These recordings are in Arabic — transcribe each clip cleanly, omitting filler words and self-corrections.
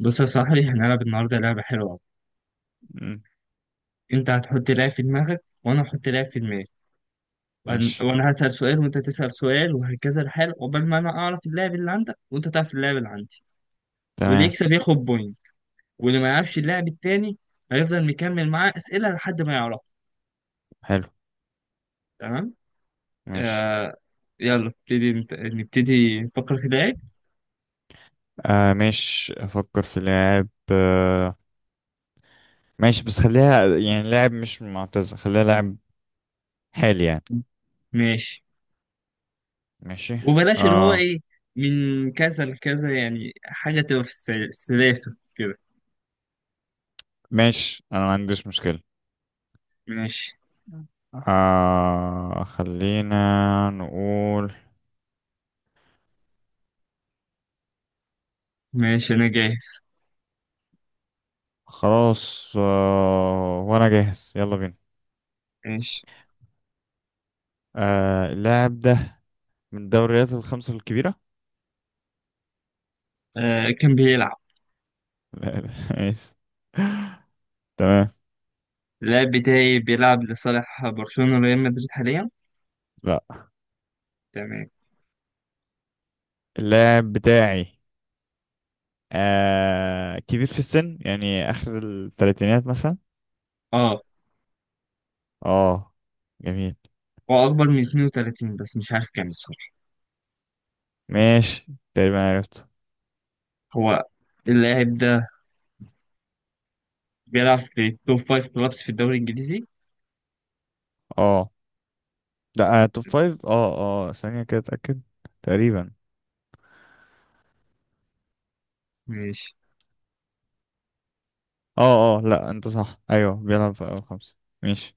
بص يا صاحبي، احنا هنلعب النهارده لعبة حلوة أوي. مم. أنت هتحط لاعب في دماغك وأنا هحط لاعب في دماغي. وهن- ماشي. وأنا هسأل سؤال وأنت تسأل سؤال وهكذا الحال عقبال ما أنا أعرف اللاعب اللي عندك وأنت تعرف اللاعب اللي عندي. واللي تمام. يكسب ياخد بوينت. واللي ما يعرفش اللاعب التاني هيفضل مكمل معاه أسئلة لحد ما يعرفه. حلو. تمام؟ ماشي. آه. يلا نبتدي نبتدي نفكر في لاعب. آه ماشي، افكر في لاعب، آه. ماشي، بس خليها يعني لاعب مش معتزل، خليها لاعب حالي يعني. ماشي. ماشي. وبلاش اللي هو اه إيه من كذا لكذا، يعني حاجة تبقى في السلاسة كده. ماشي، انا ما عنديش مشكلة. ماشي. آه، خلينا نقول. ماشي أنا جاهز. خلاص، آه وانا جاهز، يلا بينا. ماشي. آه، اللاعب ده من الدوريات الخمسة الكبيرة. آه، كان بيلعب. لا، لا. ماشي. تمام. اللاعب بتاعي بيلعب لصالح برشلونة وريال مدريد حاليا. لا. تمام. اللاعب بتاعي كبير في السن، يعني آخر الثلاثينات مثلا. اه، اه، جميل. هو أكبر من 32 بس مش عارف كام الصراحة. ماشي، تقريبا عرفته. هو اللاعب ده بيلعب في توب 5 كلابس في الدوري الإنجليزي. اه لا، آه توب فايف، اه. اه، ثانية كده أتأكد، تقريبا. ماشي. اه اه، لا، انت صح، ايوه، بيلعب في أول خمسة. ماشي.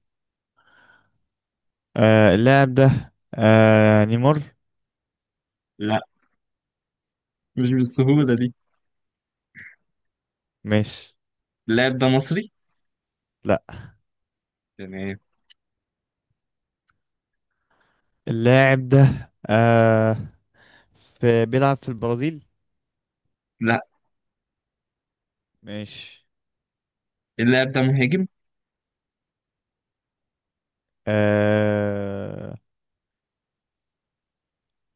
آه، اللاعب ده نيمار. لا، مش بالسهولة دي. ماشي. اللاعب ده مصري. لا. تمام. اللاعب ده آه في بيلعب في البرازيل. لا، ماشي. اللاعب ده مهاجم. آه،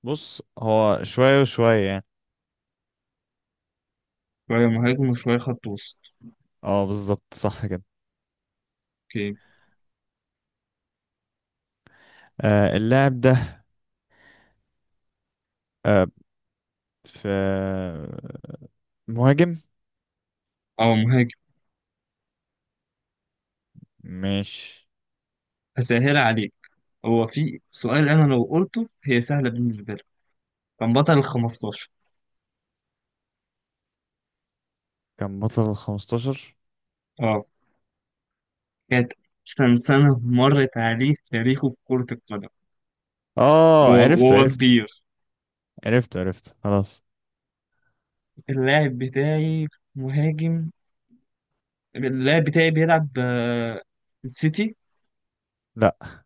بص، هو شوية وشوية يعني. شوية مهاجم وشوية خط وسط. اه، بالظبط، صح كده. اوكي. آه، اللاعب ده آه، في مهاجم اه، مهاجم. مش. هسهل عليك. هو في سؤال أنا لو قلته هي سهلة بالنسبة لك. كان بطل ال 15. كان بطل الـ15. كانت أحسن سنة مرت عليه في تاريخه في كرة القدم. اه، وهو عرفته وهو عرفته كبير. عرفته عرفته، خلاص. اللاعب بتاعي مهاجم. اللاعب بتاعي بيلعب السيتي. لا،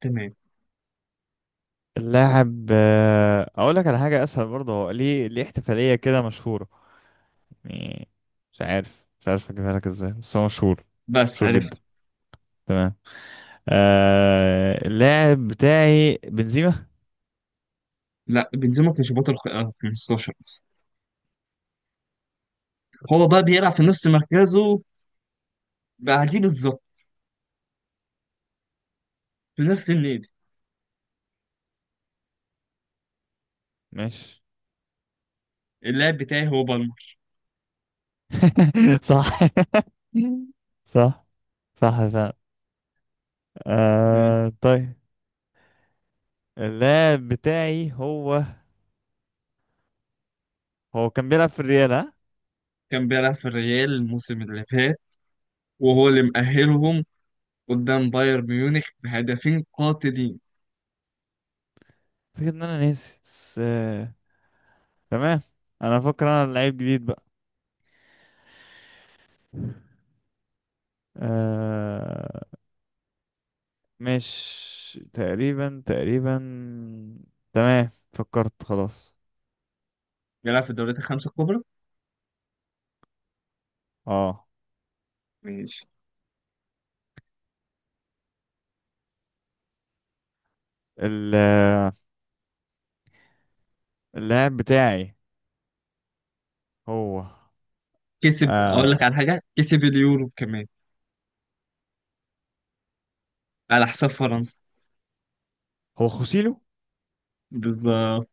تمام. اللاعب، اقول لك على حاجة اسهل برضه، هو ليه احتفالية كده مشهورة يعني. مش عارف اجيبها لك ازاي، بس هو مشهور. بس مشهور جدا. عرفت. تمام. آه، اللاعب بتاعي بنزيما. لا، بنزيما كان شباط 15 بس. هو بقى بيلعب في نفس مركزه بعديه بالظبط في نفس النادي. ماشي. اللاعب بتاعي هو بالمر. صح. صح، صح فعلا. آه، آه، طيب. اللاعب بتاعي هو كان بيلعب في الريال، ها؟ كان بيلعب في الريال الموسم اللي فات وهو اللي مأهلهم قدام بايرن ميونخ بهدفين قاتلين. فكرة ان انا ناسي بس تمام. انا فاكر انا لعيب جديد بقى. آه... مش تقريبا، تقريبا تمام، فكرت خلاص. بيلعب في الدوريات الخمسة الكبرى. اه، ماشي. ال... اللاعب بتاعي هو، كسب، اقول لك على آه... حاجه، كسب اليورو كمان على حساب فرنسا. هو خوسيلو. بالظبط.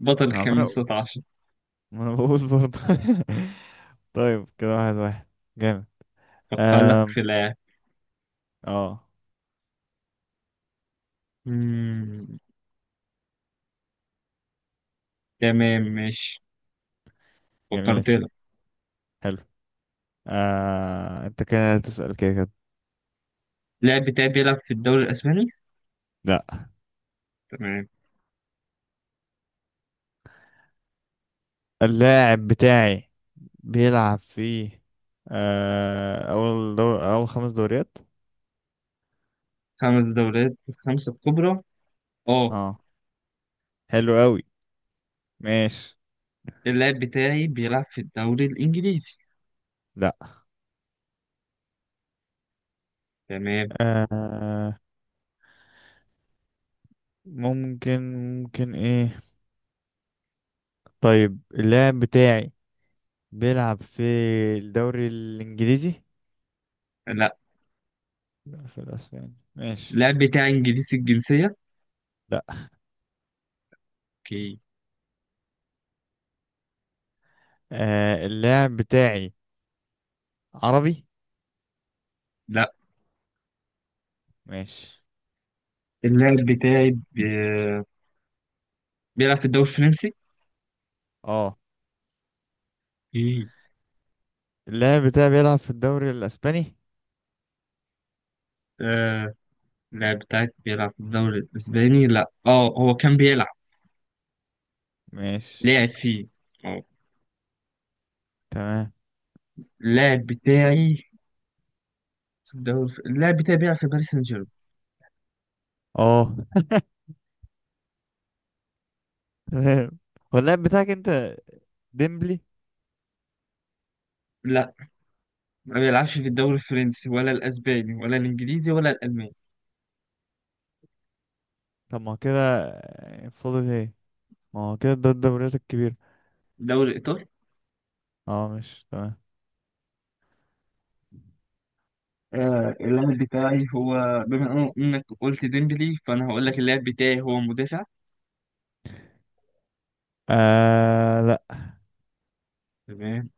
بطل انا عمال اقول، 15. ما انا بقول برضه. طيب، كده واحد واحد، جامد. فكر لك آم، في لاعب. اه، مم، تمام ماشي. جميل، فكرت لك. حلو. انت كده تسأل كده كده. اللاعب بتاعي بيلعب في الدوري الاسباني. لا. تمام. اللاعب بتاعي بيلعب في اول خمس دوريات. خمس دوريات الخمسه الكبرى. اه. اه، حلو قوي، ماشي. اللاعب بتاعي بيلعب في الدوري الانجليزي. لا، تمام. آه... ممكن ممكن ايه. طيب، اللاعب بتاعي بيلعب في الدوري الانجليزي؟ لا. لا، في الاسباني، ماشي. اللاعب بتاعي انجليزي الجنسيه. لا. اوكي. اللاعب بتاعي عربي. لا. ماشي. اللاعب بتاعي بيلعب في الدوري الفرنسي. اه، اوكي. اللاعب بتاعي بيلعب في الدوري الاسباني. اللاعب بتاعك بيلعب في الدوري الإسباني؟ لا، اه هو كان بيلعب. ماشي، لعب فيه. اه. تمام. اللاعب بتاعي في الدوري، اللاعب بتاعي بيلعب في باريس سان جيرمان. اه، تمام. هو اللاعب بتاعك انت ديمبلي؟ لا، ما بيلعبش في الدوري الفرنسي ولا الأسباني ولا الإنجليزي ولا الألماني. طب ما هو كده فاضل ايه؟ ما هو كده ده الدوريات الكبيرة. الدوري الإيطالي. اه، مش تمام. آه، اللاعب بتاعي هو بما إنك قلت ديمبلي، فأنا هقول لك اللاعب بتاعي هو مدافع. آه، لا. تمام.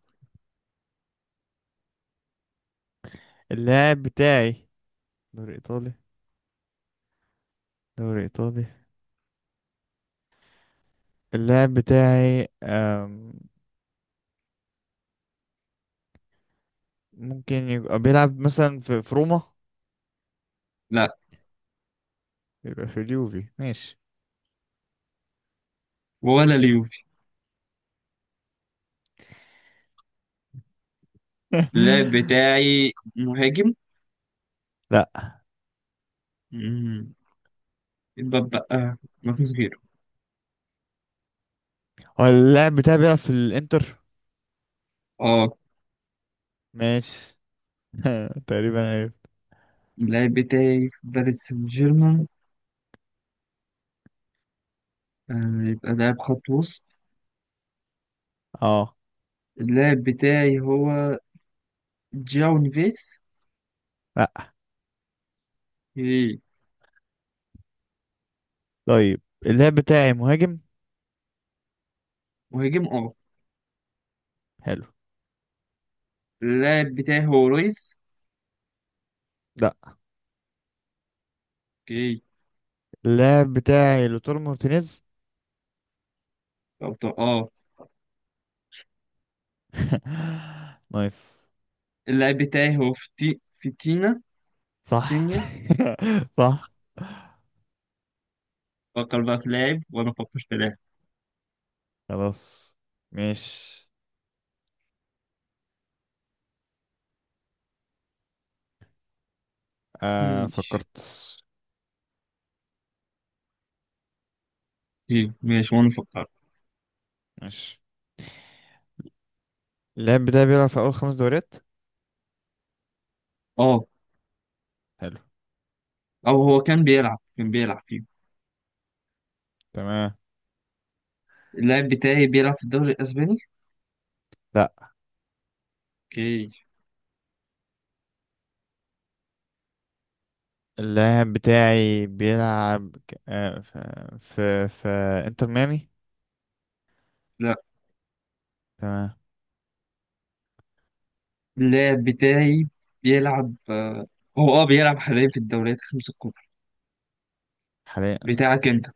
اللاعب بتاعي دوري ايطالي، دوري ايطالي. اللاعب بتاعي ممكن يبقى بيلعب مثلا في روما. لا، يبقى في اليوفي، ماشي. ولا اليوفي. اللاعب بتاعي مهاجم. لا. مم، يبقى بقى ماركوس فيرو. هو اللاعب بتاعي بيلعب في الانتر. اه. ماشي. تقريبا عرفت. اللاعب بتاعي في باريس سان جيرمان، يبقى لاعب خط وسط. اه، اللاعب بتاعي هو جاو نيفيس. لا. اوكي. طيب، اللاعب بتاعي مهاجم. مهاجم اه. حلو. اللاعب بتاعي هو رويز. لا. اوكي. اللاعب بتاعي لوتار مارتينيز. أو اه. نايس. اللاعب بتاعي هو فتينا. صح. فتينيا. صح. فكر بقى في لاعب وانا افكر في لاعب. خلاص. ماشي، آه ماشي. فكرت. اوكي ماشي، وانا افكر. ماشي. اللاعب بتاعي بيلعب في أول خمس دوريات. اه. حلو، او هو كان بيلعب فيه. تمام. اللاعب بتاعي بيلعب في الدوري الاسباني. لا، اوكي. اللاعب بتاعي بيلعب في انتر ميامي. لا. تمام. اللاعب بتاعي بيلعب هو اه بيلعب حاليا في الدوريات الخمس الكبرى. حاليا، بتاعك انت.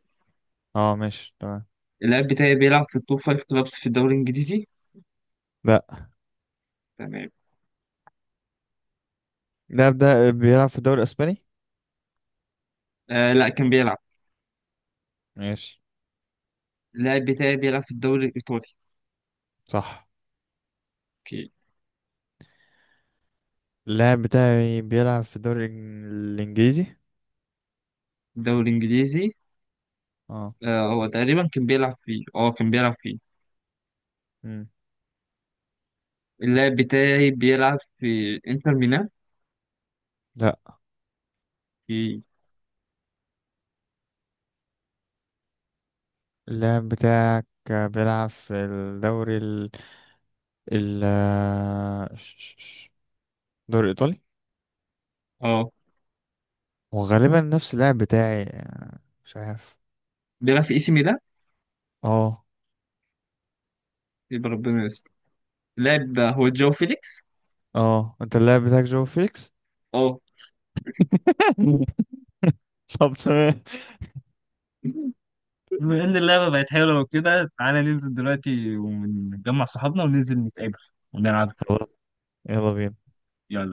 اه، ماشي، تمام. اللاعب بتاعي بيلعب في التوب فايف كلابس في الدوري الإنجليزي. لا، تمام. اللاعب ده بيلعب في الدوري الأسباني. آه لا، كان بيلعب. ماشي، اللاعب بتاعي بيلعب في الدوري الإيطالي. صح. أوكي. اللاعب بتاعي بيلعب في الإنجليزي. الدوري الإنجليزي. اه. آه هو تقريبا كان بيلعب فيه، اه كان بيلعب فيه. مم. اللاعب بتاعي بيلعب في إنتر ميلان. لا، في اللاعب بتاعك بيلعب في الدوري ال ال الدوري الإيطالي. اه وغالبا نفس اللاعب بتاعي، يعني، مش عارف. بيلعب في إي سي ميلان. اه يبقى ربنا يستر. اللاعب هو جاو فيليكس. اه، انت اللاعب بتاعك جو فيكس. اه. طب، تمام. بما إن اللعبة بقت حلوة وكده، تعالى ننزل دلوقتي ونجمع صحابنا وننزل نتقابل ونلعب. خلاص، يلا بينا. يلا.